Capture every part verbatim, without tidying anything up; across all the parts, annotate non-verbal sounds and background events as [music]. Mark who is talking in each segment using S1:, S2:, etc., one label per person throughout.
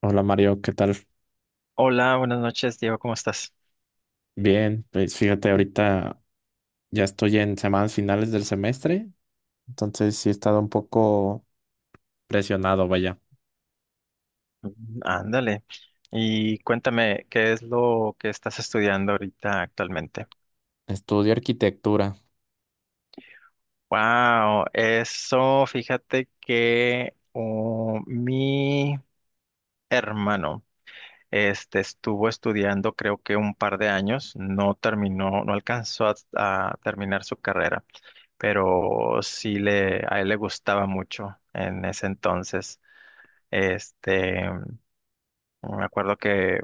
S1: Hola Mario, ¿qué tal?
S2: Hola, buenas noches, Diego, ¿cómo estás?
S1: Bien, pues fíjate, ahorita ya estoy en semanas finales del semestre, entonces sí he estado un poco presionado, vaya.
S2: Mm, Ándale. Y cuéntame, ¿qué es lo que estás estudiando ahorita actualmente?
S1: Estudio arquitectura.
S2: Wow, eso, fíjate que oh, mi hermano este, estuvo estudiando creo que un par de años, no terminó, no alcanzó a, a terminar su carrera, pero sí le, a él le gustaba mucho en ese entonces. Este, me acuerdo que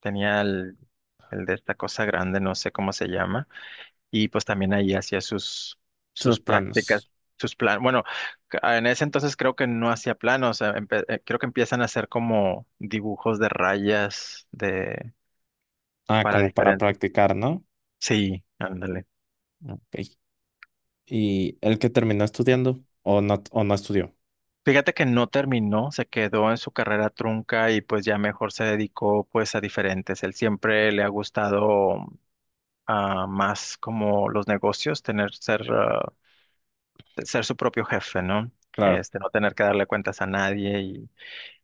S2: Tenía el, el de esta cosa grande, no sé cómo se llama, y pues también ahí hacía sus,
S1: Sus
S2: sus prácticas,
S1: planos.
S2: sus planos. Bueno, ca- en ese entonces creo que no hacía planos, eh, empe- eh, creo que empiezan a hacer como dibujos de rayas de,
S1: Ah,
S2: para
S1: como para
S2: diferentes.
S1: practicar, ¿no?
S2: Sí, ándale.
S1: Ok. ¿Y el que terminó estudiando o no, o no estudió?
S2: Fíjate que no terminó, se quedó en su carrera trunca y pues ya mejor se dedicó pues a diferentes. Él siempre le ha gustado ah, más como los negocios, tener ser ah, ser su propio jefe, ¿no?
S1: Claro.
S2: Este, no tener que darle cuentas a nadie y,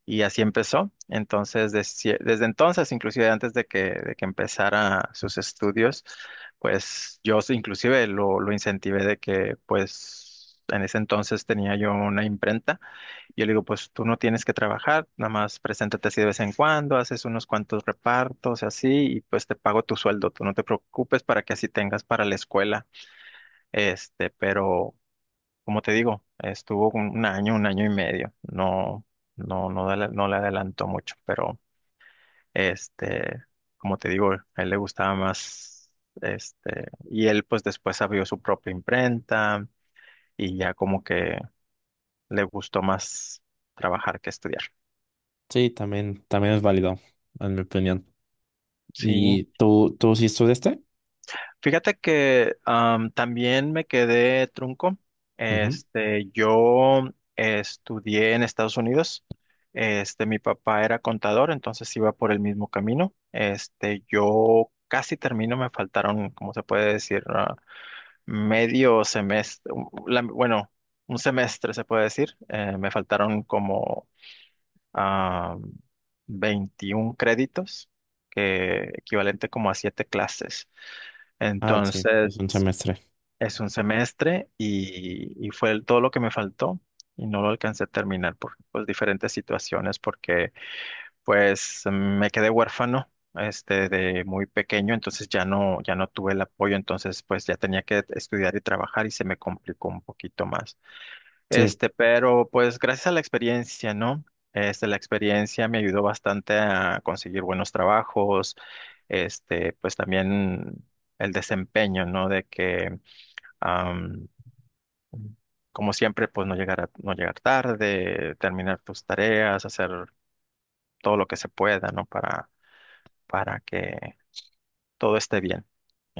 S2: y así empezó. Entonces, desde, desde entonces, inclusive antes de que, de que empezara sus estudios, pues yo s- inclusive lo, lo incentivé de que, pues, en ese entonces tenía yo una imprenta. Yo le digo, pues tú no tienes que trabajar, nada más preséntate así de vez en cuando, haces unos cuantos repartos así y pues te pago tu sueldo, tú no te preocupes para que así tengas para la escuela. Este, pero como te digo, estuvo un un año, un año y medio. No, no, no, dale- no le adelantó mucho, pero este, como te digo, a él le gustaba más, este, y él pues después abrió su propia imprenta y ya como que le gustó más trabajar que estudiar.
S1: Sí, también, también es válido, en mi opinión.
S2: Sí,
S1: ¿Y tú, tú sí estudiaste?
S2: Fíjate que am, también me quedé trunco.
S1: Ujú.
S2: Este, yo estudié en Estados Unidos. Este, mi papá era contador, entonces iba por el mismo camino. Este, yo casi termino, me faltaron, como se puede decir, Ah, medio semestre, un- la- bueno, un semestre se puede decir. Eh, me faltaron como ah, veintiún créditos, que equivalente como a siete clases.
S1: Ah, sí,
S2: Entonces,
S1: es un semestre.
S2: es un semestre y, y fue el- todo lo que me faltó y no lo alcancé a terminar por pues, diferentes situaciones porque pues me quedé huérfano este de muy pequeño, entonces ya no ya no tuve el apoyo, entonces pues ya tenía que estudiar y trabajar y se me complicó un poquito más.
S1: Sí,
S2: Este, pero pues gracias a la experiencia, ¿no? Este, la experiencia me ayudó bastante a conseguir buenos trabajos, este, pues también el desempeño, ¿no? De que como siempre, pues no llegar a- no llegar tarde, terminar tus tareas, hacer todo lo que se pueda, ¿no? Para, para que todo esté bien,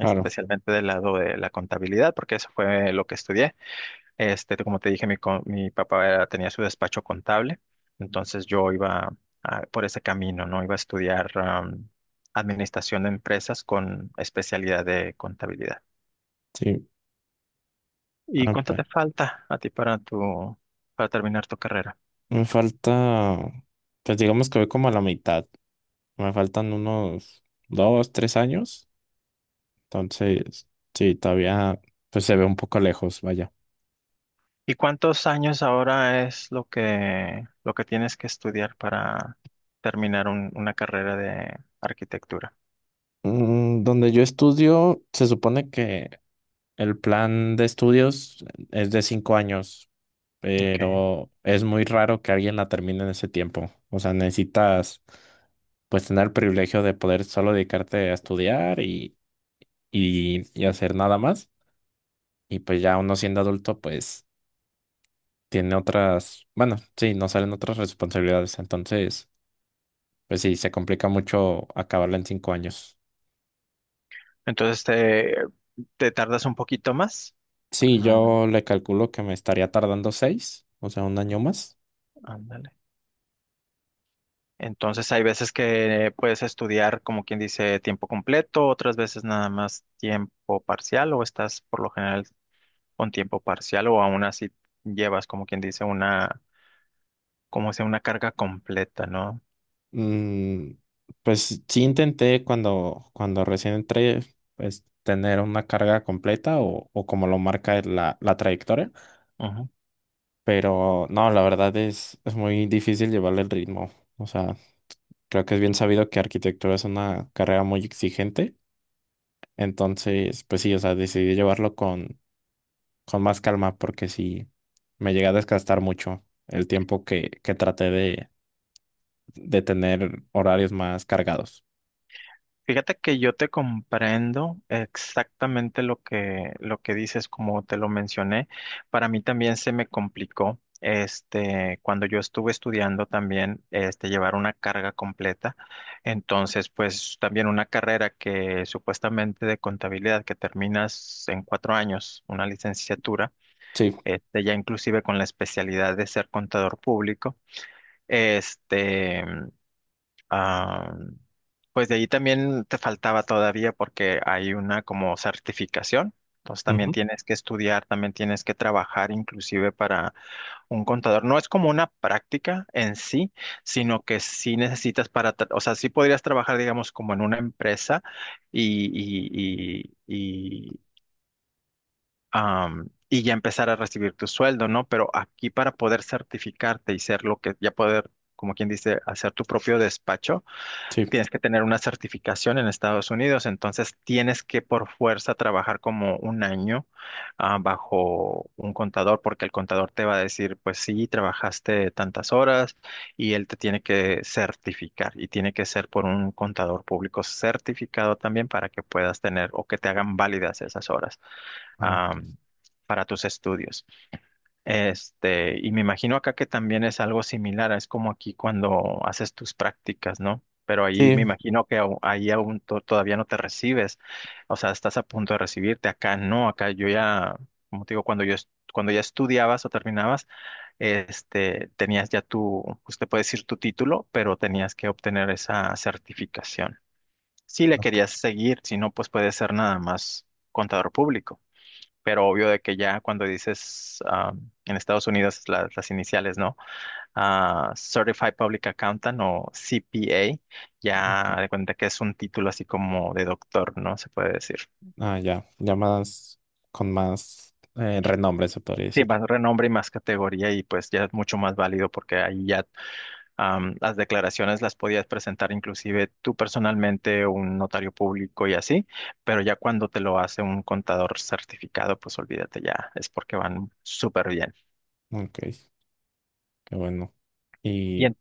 S1: claro.
S2: del lado de la contabilidad, porque eso fue lo que estudié. Este, como te dije, mi, co- mi papá era- tenía su despacho contable, entonces yo iba a- por ese camino, ¿no? Iba a estudiar am, administración de empresas con especialidad de contabilidad.
S1: Sí.
S2: ¿Y
S1: Ah,
S2: cuánto
S1: pues.
S2: te falta a ti para tu, para terminar tu carrera?
S1: Me falta, pues digamos que voy como a la mitad. Me faltan unos dos, tres años. Entonces, sí, todavía pues se ve un poco lejos, vaya.
S2: ¿Y cuántos años ahora es lo que, lo que tienes que estudiar para terminar un- una carrera de arquitectura?
S1: Mm, donde yo estudio, se supone que el plan de estudios es de cinco años,
S2: Okay.
S1: pero es muy raro que alguien la termine en ese tiempo. O sea, necesitas pues tener el privilegio de poder solo dedicarte a estudiar y, y, y hacer nada más. Y pues ya uno siendo adulto, pues tiene otras, bueno, sí, no salen otras responsabilidades, entonces, pues sí, se complica mucho acabarla en cinco años.
S2: Entonces te, te tardas un poquito más.
S1: Sí,
S2: Ah,
S1: yo le calculo que me estaría tardando seis, o sea, un año más.
S2: ándale. Entonces hay veces que puedes estudiar, como quien dice, tiempo completo, otras veces nada más tiempo parcial, o estás por lo general con tiempo parcial, o aún así llevas, como quien dice, una, como sea, una carga completa, ¿no?
S1: Mm, pues sí intenté cuando, cuando recién entré, pues tener una carga completa o, o como lo marca la, la trayectoria,
S2: Ujú.
S1: pero no, la verdad es, es muy difícil llevarle el ritmo. O sea, creo que es bien sabido que arquitectura es una carrera muy exigente. Entonces, pues sí, o sea, decidí llevarlo con, con más calma porque sí me llegué a desgastar mucho el tiempo que, que traté de, de tener horarios más cargados.
S2: Fíjate que yo te comprendo exactamente lo que, lo que dices, como te lo mencioné. Para mí también se me complicó, este, cuando yo estuve estudiando también, este, llevar una carga completa. Entonces, pues también una carrera que supuestamente de contabilidad que terminas en cuatro años, una licenciatura,
S1: Sí.
S2: este, ya inclusive con la especialidad de ser contador público, este, ah, pues de ahí también te faltaba todavía porque hay una como certificación. Entonces también
S1: Ujú.
S2: tienes que estudiar, también tienes que trabajar inclusive para un contador. No es como una práctica en sí, sino que sí necesitas para, tra- o sea, sí podrías trabajar, digamos, como en una empresa y, y, y, y, am, y ya empezar a recibir tu sueldo, ¿no? Pero aquí para poder certificarte y ser lo que, ya poder, como quien dice, hacer tu propio despacho
S1: Sí.
S2: tienes que tener una certificación en Estados Unidos, entonces tienes que por fuerza trabajar como un año ah, bajo un contador, porque el contador te va a decir, pues sí, trabajaste tantas horas y él te tiene que certificar y tiene que ser por un contador público certificado también para que puedas tener o que te hagan válidas esas horas
S1: Ah,
S2: ah,
S1: ok.
S2: para tus estudios. Este, y me imagino acá que también es algo similar, es como aquí cuando haces tus prácticas, ¿no? Pero ahí me
S1: Sí,
S2: imagino que au- ahí aún to- todavía no te recibes, o sea, estás a punto de recibirte, acá no, acá yo ya, como te digo, cuando yo, es- cuando ya estudiabas o terminabas, este, tenías ya tu, usted puede decir, tu título, pero tenías que obtener esa certificación. Si le
S1: ok,
S2: querías seguir, si no, pues puede ser nada más contador público, pero obvio de que ya cuando dices ah, en Estados Unidos la- las iniciales, ¿no? Ah, Certified Public Accountant o C P A, ya
S1: ok.
S2: de cuenta que es un título así como de doctor, ¿no? Se puede decir.
S1: Ah, ya, ya más con más eh, renombre se podría
S2: Sí,
S1: decir.
S2: más renombre y más categoría y pues ya es mucho más válido porque ahí ya am, las declaraciones las podías presentar inclusive tú personalmente, un notario público y así, pero ya cuando te lo hace un contador certificado, pues olvídate ya, es porque van súper bien.
S1: Ok, qué bueno.
S2: Y
S1: Y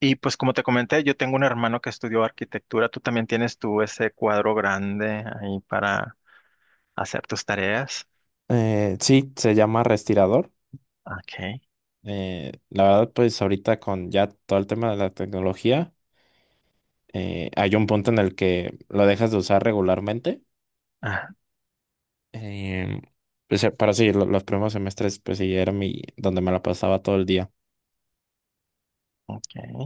S2: Y pues como te comenté, yo tengo un hermano que estudió arquitectura. Tú también tienes tú ese cuadro grande ahí para hacer tus tareas.
S1: eh, sí, se llama Restirador.
S2: Ok.
S1: Eh, la verdad, pues ahorita con ya todo el tema de la tecnología. Eh, hay un punto en el que lo dejas de usar regularmente.
S2: Ah,
S1: Eh, pues, eh, pero sí, lo- los primeros semestres, pues sí, era mi, donde me la pasaba todo el día.
S2: ok.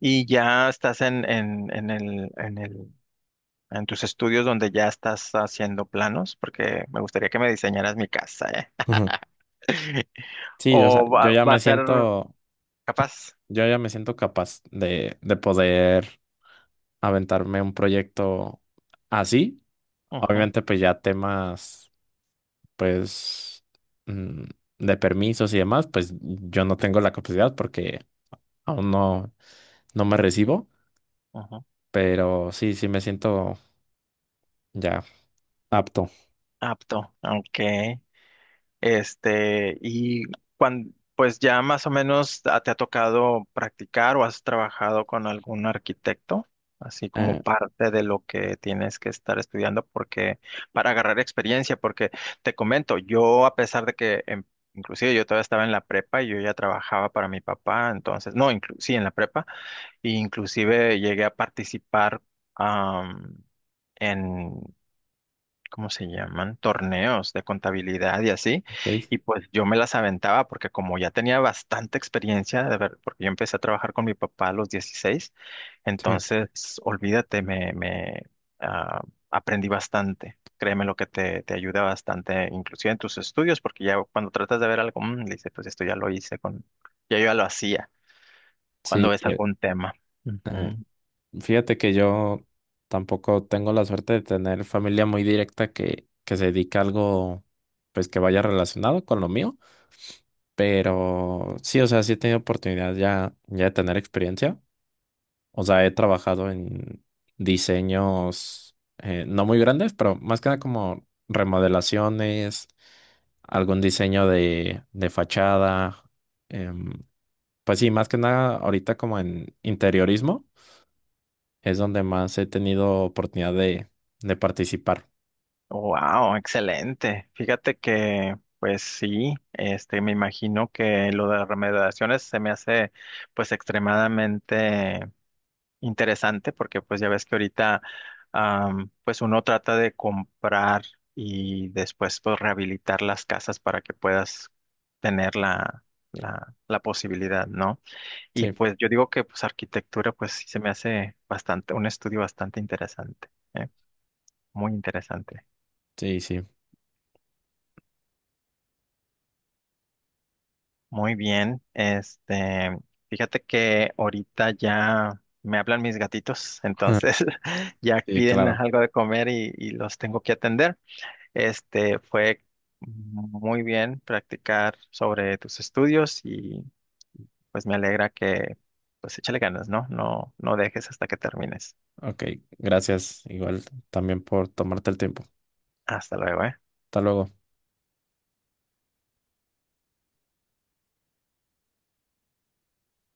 S2: Y ya estás en, en, en el, en el, en tus estudios donde ya estás haciendo planos, porque me gustaría que me diseñaras mi casa, ¿eh?
S1: Ujú.
S2: [laughs]
S1: Sí, o sea,
S2: O
S1: yo
S2: va,
S1: ya
S2: va
S1: me
S2: a ser
S1: siento,
S2: capaz.
S1: yo ya me siento capaz de, de poder aventarme un proyecto así.
S2: Ujú,
S1: Obviamente, pues ya temas, pues, mm, de permisos y demás, pues yo no tengo la capacidad porque aún no, no me recibo,
S2: ujú.
S1: pero sí, sí me siento ya apto.
S2: Apto. Ok. Este, y cuando, pues ya más o menos ah, te ha tocado practicar o has trabajado con algún arquitecto, así como
S1: Eh,
S2: parte de lo que tienes que estar estudiando porque para agarrar experiencia, porque te comento, yo a pesar de que em, inclusive yo todavía estaba en la prepa y yo ya trabajaba para mi papá, entonces, no, inclu- sí, en la prepa, e inclusive llegué a participar am, ¿cómo se llaman? Torneos de contabilidad y así.
S1: ok,
S2: Y pues yo me las aventaba porque como ya tenía bastante experiencia, de ver, porque yo empecé a trabajar con mi papá a los dieciséis.
S1: sí,
S2: Entonces olvídate, me, me ah, aprendí bastante. Créeme lo que te, te ayuda bastante, inclusive en tus estudios, porque ya cuando tratas de ver algo, mm, le dices, pues esto ya lo hice con, ya yo ya lo hacía,
S1: sí,
S2: cuando ves
S1: pues,
S2: algún tema.
S1: eh,
S2: Ujú.
S1: fíjate que yo tampoco tengo la suerte de tener familia muy directa que, que se dedica a algo, pues, que vaya relacionado con lo mío, pero sí, o sea, sí he tenido oportunidad ya, ya de tener experiencia. O sea, he trabajado en diseños eh, no muy grandes, pero más que nada como remodelaciones, algún diseño de, de fachada. em, pues sí, más que nada ahorita como en interiorismo es donde más he tenido oportunidad de, de participar.
S2: Wow, excelente. Fíjate que, pues sí, este, me imagino que lo de las remediaciones se me hace, pues, extremadamente interesante, porque, pues, ya ves que ahorita, am, pues, uno trata de comprar y después, pues, rehabilitar las casas para que puedas tener la, la, la posibilidad, ¿no? Y,
S1: Sí,
S2: pues, yo digo que, pues, arquitectura, pues, sí se me hace bastante, un estudio bastante interesante, ¿eh? Muy interesante.
S1: sí, sí.
S2: Muy bien, este, fíjate que ahorita ya me hablan mis gatitos, entonces
S1: [laughs]
S2: [laughs] ya
S1: Sí,
S2: piden
S1: claro.
S2: algo de comer y, y los tengo que atender. Este, fue muy bien practicar sobre tus estudios y pues me alegra que pues échale ganas, ¿no? No, no dejes hasta que termines.
S1: Ok, gracias igual también por tomarte el tiempo.
S2: Hasta luego, ¿eh?
S1: Hasta luego.